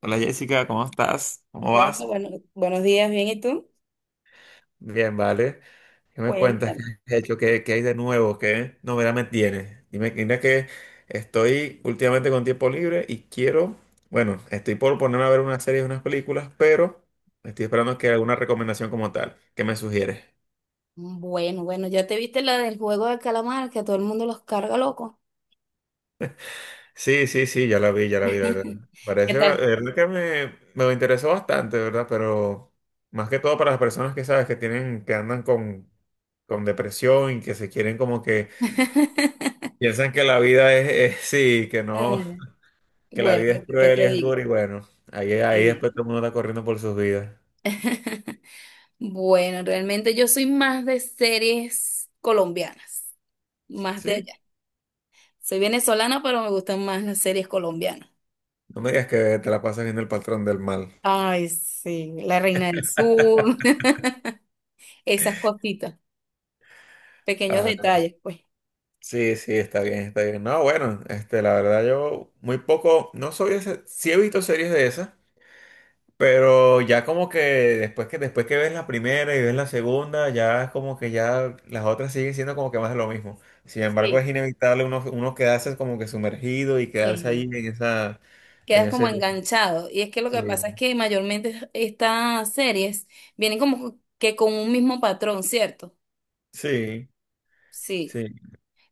Hola Jessica, ¿cómo estás? ¿Cómo Hola, vas? bueno, buenos días, bien, ¿y tú? Bien, vale. ¿Qué me cuentas? Cuéntame. ¿Qué has hecho? ¿Qué hay de nuevo? ¿Qué novedad me tienes? Dime, mira que estoy últimamente con tiempo libre y quiero, bueno, estoy por ponerme a ver unas series, unas películas, pero estoy esperando que alguna recomendación como tal. ¿Qué me sugieres? Bueno, ya te viste la del juego de calamar, que a todo el mundo los carga loco. Sí, sí, sí, ya la vi, la verdad. ¿Qué Parece, la tal? verdad que me interesó bastante, ¿verdad? Pero más que todo para las personas que sabes que tienen, que andan con depresión y que se quieren como que piensan que la vida sí, que no, Eh, que la Bueno, vida es ¿qué cruel te y es digo? dura y bueno, ahí, ¿Qué te ahí digo? después todo el mundo está corriendo por sus vidas. Bueno, realmente yo soy más de series colombianas, más de Sí, allá. Soy venezolana, pero me gustan más las series colombianas. no me digas que te la pasas viendo El Patrón del Mal. Ay, sí, la Reina del Sur, esas cositas, pequeños Ah, detalles, pues. sí, sí, está bien, está bien. No, bueno, este, la verdad yo muy poco, no soy ese, sí he visto series de esas, pero ya como que después que ves la primera y ves la segunda, ya es como que ya las otras siguen siendo como que más de lo mismo. Sin embargo, es Sí, inevitable uno quedarse como que sumergido y quedarse ahí Eh, en esa, en quedas como ese, enganchado. Y es que lo que pasa es sí, que mayormente estas series vienen como que con un mismo patrón, ¿cierto? sí, Sí. sí.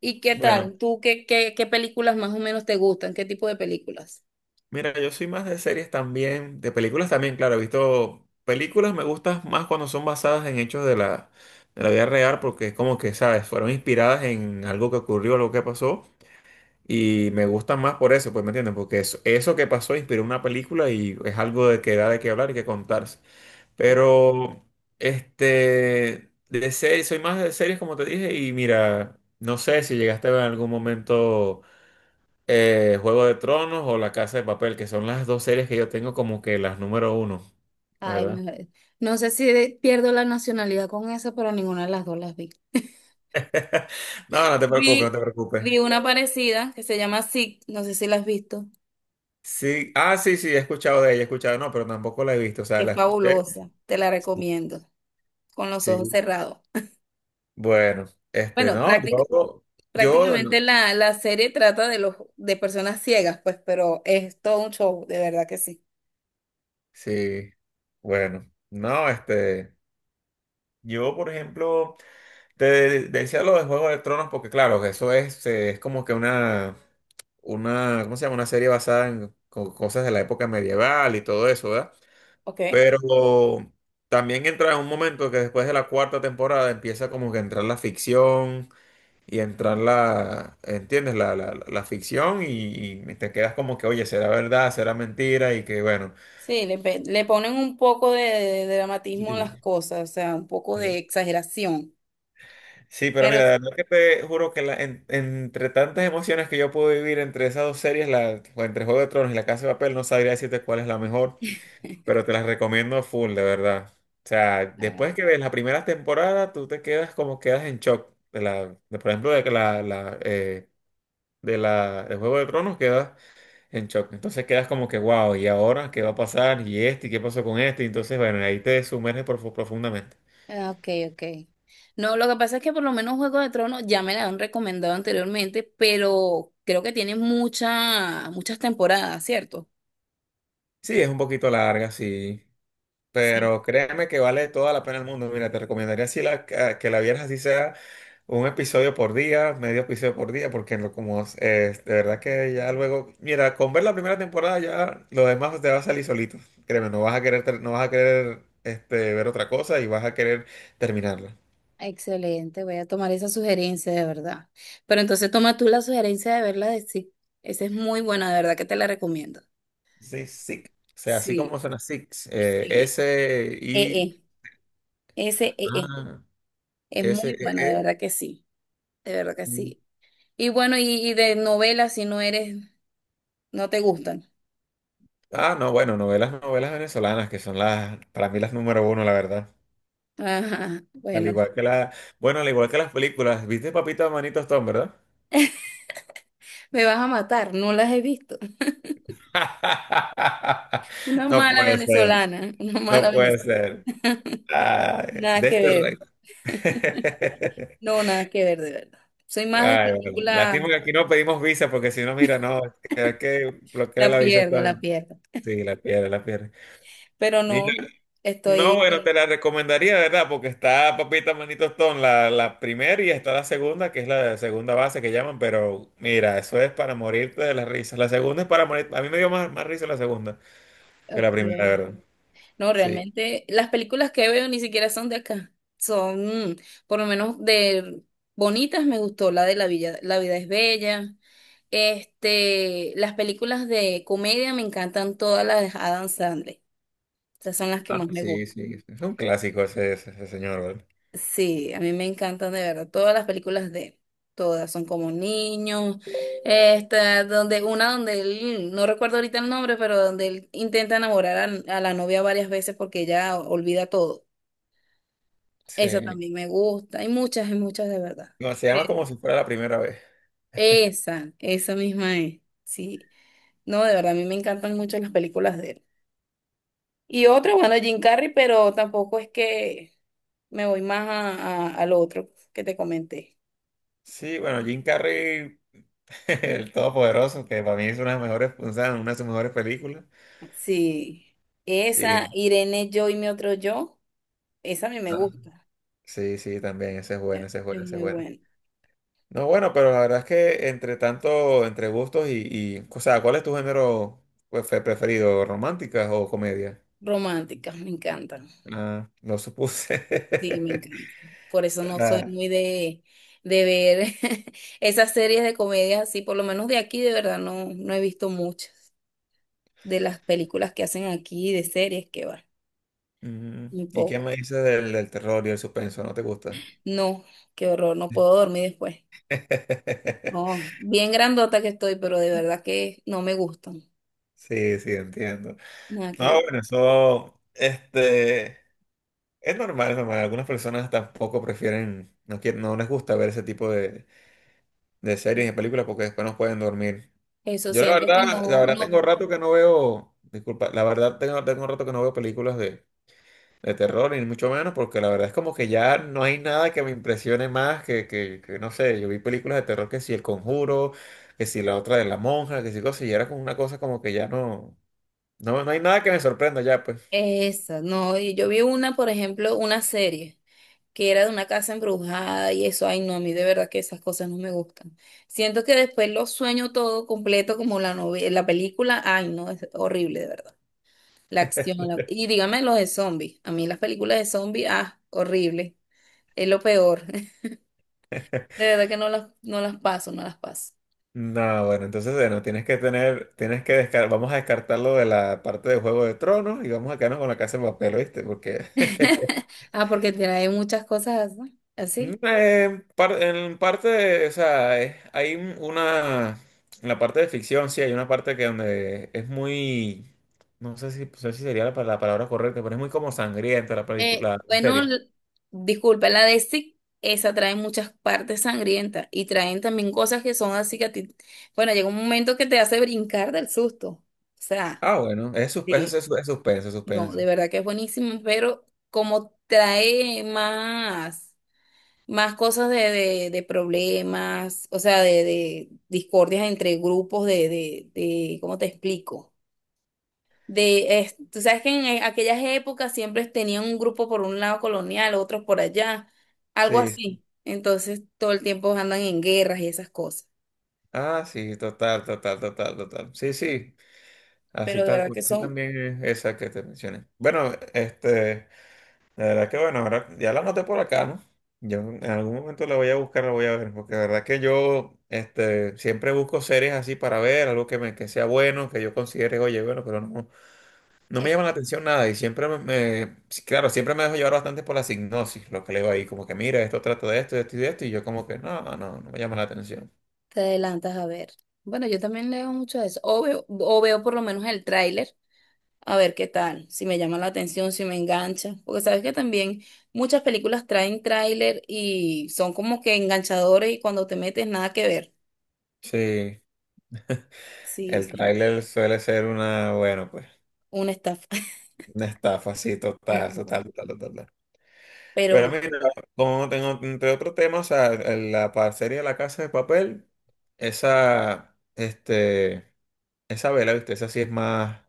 ¿Y qué Bueno, tal? ¿Tú qué películas más o menos te gustan? ¿Qué tipo de películas? mira, yo soy más de series también, de películas también, claro, he visto películas, me gustan más cuando son basadas en hechos de la vida real, porque es como que, ¿sabes? Fueron inspiradas en algo que ocurrió, algo que pasó. Y me gusta más por eso, pues, ¿me entiendes? Porque eso que pasó inspiró una película y es algo de que da de qué hablar y que contarse. Sí. Pero, este, de series, soy más de series, como te dije, y mira, no sé si llegaste a ver en algún momento Juego de Tronos o La Casa de Papel, que son las dos series que yo tengo como que las número uno, la Ay, ¿verdad? me- no sé si pierdo la nacionalidad con esa, pero ninguna de las dos las vi. No, no te preocupes, no Vi, te preocupes. vi una parecida que se llama Sick, no sé si la has visto. Sí, ah, sí, sí, he escuchado de ella, he escuchado, no, pero tampoco la he visto, o sea, Es la escuché. fabulosa, te la Sí, recomiendo, con los ojos sí. cerrados. Bueno, este, Bueno, no, prácticamente. yo, yo, Prácticamente la serie trata de los de personas ciegas, pues, pero es todo un show, de verdad que sí. sí, bueno, no, este, yo, por ejemplo, te decía lo de Juego de Tronos porque, claro, que eso es es como que una, ¿cómo se llama? Una serie basada en cosas de la época medieval y todo eso, ¿verdad? Ok. Pero también entra en un momento que después de la cuarta temporada empieza como que a entrar la ficción y entrar la, ¿entiendes? La ficción y te quedas como que, oye, será verdad, será mentira y que bueno. Sí, le ponen un poco de dramatismo a las Sí, cosas, o sea, un poco de sí. exageración. Sí, pero Pero mira, la verdad que te juro que entre tantas emociones que yo pude vivir entre esas dos series, la, o entre Juego de Tronos y La Casa de Papel, no sabría decirte cuál es la mejor, pero te las recomiendo full, de verdad. O sea, después que ves la primera temporada, tú te quedas como quedas en shock. De la, de, por ejemplo, de que la, de la, de Juego de Tronos, quedas en shock. Entonces quedas como que, wow, ¿y ahora qué va a pasar? ¿Y este? ¿Y qué pasó con este? Y entonces, bueno, ahí te sumerges profundamente. ah, ok, ok. No, lo que pasa es que por lo menos Juego de Tronos ya me la han recomendado anteriormente, pero creo que tiene muchas temporadas, ¿cierto? Sí, es un poquito larga, sí. Sí. Pero créeme que vale toda la pena el mundo. Mira, te recomendaría si la, que la vieras así sea un episodio por día, medio episodio por día, porque como de verdad que ya luego, mira, con ver la primera temporada ya lo demás te va a salir solito. Créeme, no vas a querer, no vas a querer ver otra cosa y vas a querer terminarla. Excelente, voy a tomar esa sugerencia de verdad. Pero entonces toma tú la sugerencia de verla de sí. Esa es muy buena, de verdad que te la recomiendo. Sí, SICK. O sea, así como Sí, suena SICK. Sí. S, e I, e See. A, Es S, E, muy buena, de E. verdad que sí. De verdad que Mm. sí. Y bueno, y de novelas, no te gustan. Ah, no, bueno, novelas, novelas venezolanas, que son las, para mí las número uno, la verdad. Ajá, Al bueno, igual que la, bueno, al igual que las películas. ¿Viste Papito Manito Stone, verdad? me vas a matar, no las he visto. Una No mala puede ser, venezolana, una no mala puede venezolana. ser. Ay, Nada de que este ver, rey. no, nada que ver, de verdad. Soy más de Ay, bueno, películas. lástima que aquí no pedimos visa, porque si no, mira, no, es que bloquea La la visa. pierdo, la pierdo. Sí, la pierde, la pierde. Pero no, no, No, bueno, estoy... te la recomendaría, ¿verdad? Porque está Papita Manito Stone, la primera y está la segunda, que es la segunda base que llaman, pero mira, eso es para morirte de las risas. La segunda es para morir, a mí me dio más risa la segunda que la primera, Ok. ¿verdad? No, Sí. realmente las películas que veo ni siquiera son de acá. Por lo menos de bonitas me gustó, la de La Villa, La vida es bella. Este, las películas de comedia me encantan todas las de Adam Sandler. Esas son las que Ah, más me sí, gustan. sí, es un clásico ese señor, ¿verdad? Sí, a mí me encantan de verdad todas las películas de él. Todas son como niños, esta, donde una donde él, no recuerdo ahorita el nombre, pero donde él intenta enamorar a la novia varias veces porque ella olvida todo. Esa Sí. también me gusta. Hay muchas de verdad. No, se llama Pero Como Si Fuera la Primera Vez. esa misma es. Sí. No, de verdad, a mí me encantan mucho las películas de él. Y otra, bueno, Jim Carrey, pero tampoco es que me voy más al otro que te comenté. Sí, bueno, Jim Carrey, el Todopoderoso, que para mí es una de las mejores, o sea, una de sus mejores películas. Sí, esa Sí. Irene, yo y mi otro yo, esa a mí me Ah, gusta, sí, sí, también, ese es bueno, ese es bueno, es ese es muy bueno. buena. No, bueno, pero la verdad es que entre tanto, entre gustos y, o sea, ¿cuál es tu género pues, preferido? ¿Románticas o comedia? Románticas, me encantan, Ah, lo supuse. sí, me encantan. Por eso no soy Ah, muy de ver esas series de comedias así, por lo menos de aquí, de verdad, no, no he visto muchas de las películas que hacen aquí, de series que va, ujú. muy ¿Y qué poco. me dices del terror y el suspenso? ¿No te gusta? No, qué horror, no puedo dormir después. No, bien grandota que estoy, pero de verdad que no me gustan, Sí, sí, entiendo. nada que No, ver. bueno, eso, este, es normal, es normal. Algunas personas tampoco prefieren, no quieren, no les gusta ver ese tipo de series y películas porque después no pueden dormir. Eso Yo siento que la no, verdad no. tengo rato que no veo, disculpa, la verdad tengo rato que no veo películas de terror, ni mucho menos, porque la verdad es como que ya no hay nada que me impresione más que, no sé, yo vi películas de terror que si El Conjuro, que si la otra de la monja, que si cosas, y era como una cosa como que ya no, no, no hay nada que me sorprenda ya, pues. Esa, no, y yo vi una, por ejemplo, una serie que era de una casa embrujada y eso, ay no, a mí de verdad que esas cosas no me gustan. Siento que después lo sueño todo completo como la novela, la película, ay no, es horrible de verdad. La acción, y dígame los de zombies, a mí las películas de zombies, ah, horrible, es lo peor. De verdad que no las, no las paso, no las paso. No, bueno, entonces bueno, tienes que tener, tienes que descartar, vamos a descartarlo de la parte de Juego de Tronos y vamos a quedarnos con La Casa de Papel, ¿viste? Porque Ah, porque trae muchas cosas así. En parte, o sea, hay una, en la parte de ficción, sí, hay una parte que donde es muy, no sé si sería la, la palabra correcta, pero es muy como sangrienta la película, la Bueno, serie. Disculpa, la de Stick, esa trae muchas partes sangrientas y traen también cosas que son así que a ti, bueno, llega un momento que te hace brincar del susto. O sea, Ah, bueno, es, sus- es, sí. es, es suspenso, es No, de suspenso. verdad que es buenísimo, pero como trae más, más cosas de problemas, o sea, de discordias entre grupos de, ¿cómo te explico? De, tú sabes que en aquellas épocas siempre tenían un grupo por un lado colonial, otros por allá, algo Sí, sí. así. Entonces todo el tiempo andan en guerras y esas cosas. Ah, sí, total, total, total, total. Sí, sí, así Pero de tal verdad cual, que sí son, también es esa que te mencioné. Bueno, la verdad que bueno, ahora ya la anoté por acá, ¿no? Yo en algún momento la voy a buscar, la voy a ver, porque la verdad que yo siempre busco series así para ver, algo que, me, que sea bueno, que yo considere, oye, bueno, pero no me eh, llama la atención nada y siempre sí, claro, siempre me dejo llevar bastante por la sinopsis, lo que leo ahí, como que mira, esto trata de esto, y yo como que no me llama la atención. te adelantas a ver. Bueno, yo también leo mucho de eso. O veo por lo menos el tráiler, a ver qué tal, si me llama la atención, si me engancha. Porque sabes que también muchas películas traen tráiler y son como que enganchadores y cuando te metes nada que ver. Sí, Sí, el sí, tráiler suele ser una, bueno, pues, una estafa. una estafa, sí, Una total, estafa. total, total, total, total. Pero Pero mira, como tengo entre otros temas, o sea, la parcería de La Casa de Papel, esa, esa vela, ¿viste? Esa sí es más,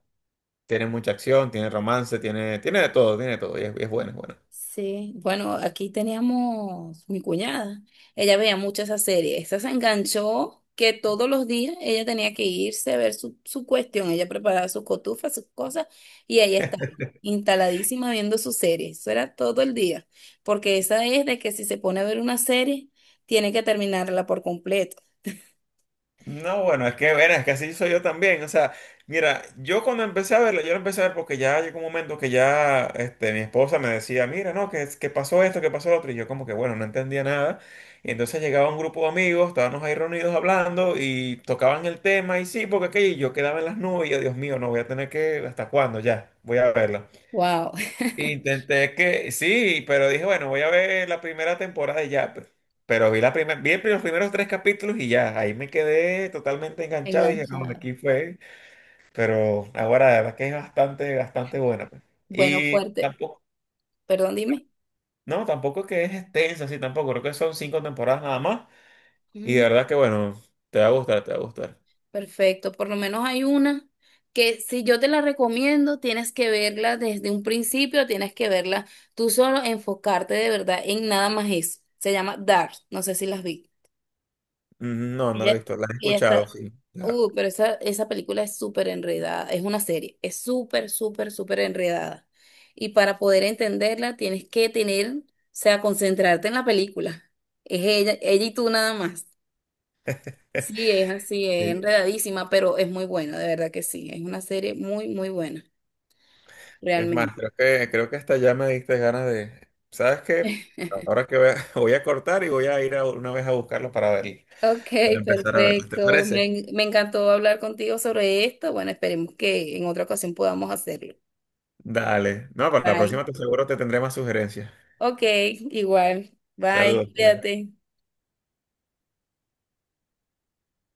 tiene mucha acción, tiene romance, tiene de todo, tiene de todo, y es buena, es buena. sí, bueno, aquí teníamos mi cuñada. Ella veía mucho esa serie. Esa se enganchó que todos los días ella tenía que irse a ver su cuestión. Ella preparaba sus cotufas, sus cosas, y ahí estaba, instaladísima viendo su serie. Eso era todo el día. Porque esa es de que si se pone a ver una serie, tiene que terminarla por completo. No, bueno, es que, verás, es que así soy yo también. O sea, mira, yo cuando empecé a verlo, yo lo empecé a ver porque ya llegó un momento que ya mi esposa me decía, mira, no, que pasó esto, que pasó lo otro. Y yo como que, bueno, no entendía nada. Y entonces llegaba un grupo de amigos, estábamos ahí reunidos hablando y tocaban el tema y sí, porque aquello, y yo quedaba en las nubes y yo, Dios mío, no voy a tener que, ¿hasta cuándo ya? Voy a verlo. Wow, Intenté que, sí, pero dije, bueno, voy a ver la primera temporada y ya, pero, vi la primera, vi los primeros tres capítulos y ya, ahí me quedé totalmente enganchado y dije, no, enganchada. aquí fue, pero ahora la verdad que es bastante, bastante buena. Pe. Bueno, Y fuerte. tampoco, Perdón, no, tampoco que es extensa, sí, tampoco, creo que son cinco temporadas nada más y de dime. verdad que, bueno, te va a gustar, te va a gustar. Perfecto, por lo menos hay una que si yo te la recomiendo, tienes que verla desde un principio, tienes que verla tú solo, enfocarte de verdad en nada más eso. Se llama Dark, no sé si las vi. No, no la he Ella, visto, la he ella escuchado, está, sí, claro. Pero esa, esa película es súper enredada, es una serie, es súper, súper, súper enredada. Y para poder entenderla, tienes que tener, o sea, concentrarte en la película. Es ella, ella y tú nada más. Sí, es así, es enredadísima, pero es muy buena, de verdad que sí. Es una serie muy, muy buena, Es más, realmente. creo que hasta ya me diste ganas de... ¿Sabes qué? Ahora que voy a, voy a cortar y voy a ir una vez a buscarlo para verlo, Ok, para empezar a verlo. ¿Te perfecto. Parece? Me encantó hablar contigo sobre esto. Bueno, esperemos que en otra ocasión podamos hacerlo. Dale. No, para la Bye. próxima te seguro te tendré más sugerencias. Ok, igual. Bye, Saludos, pues. cuídate.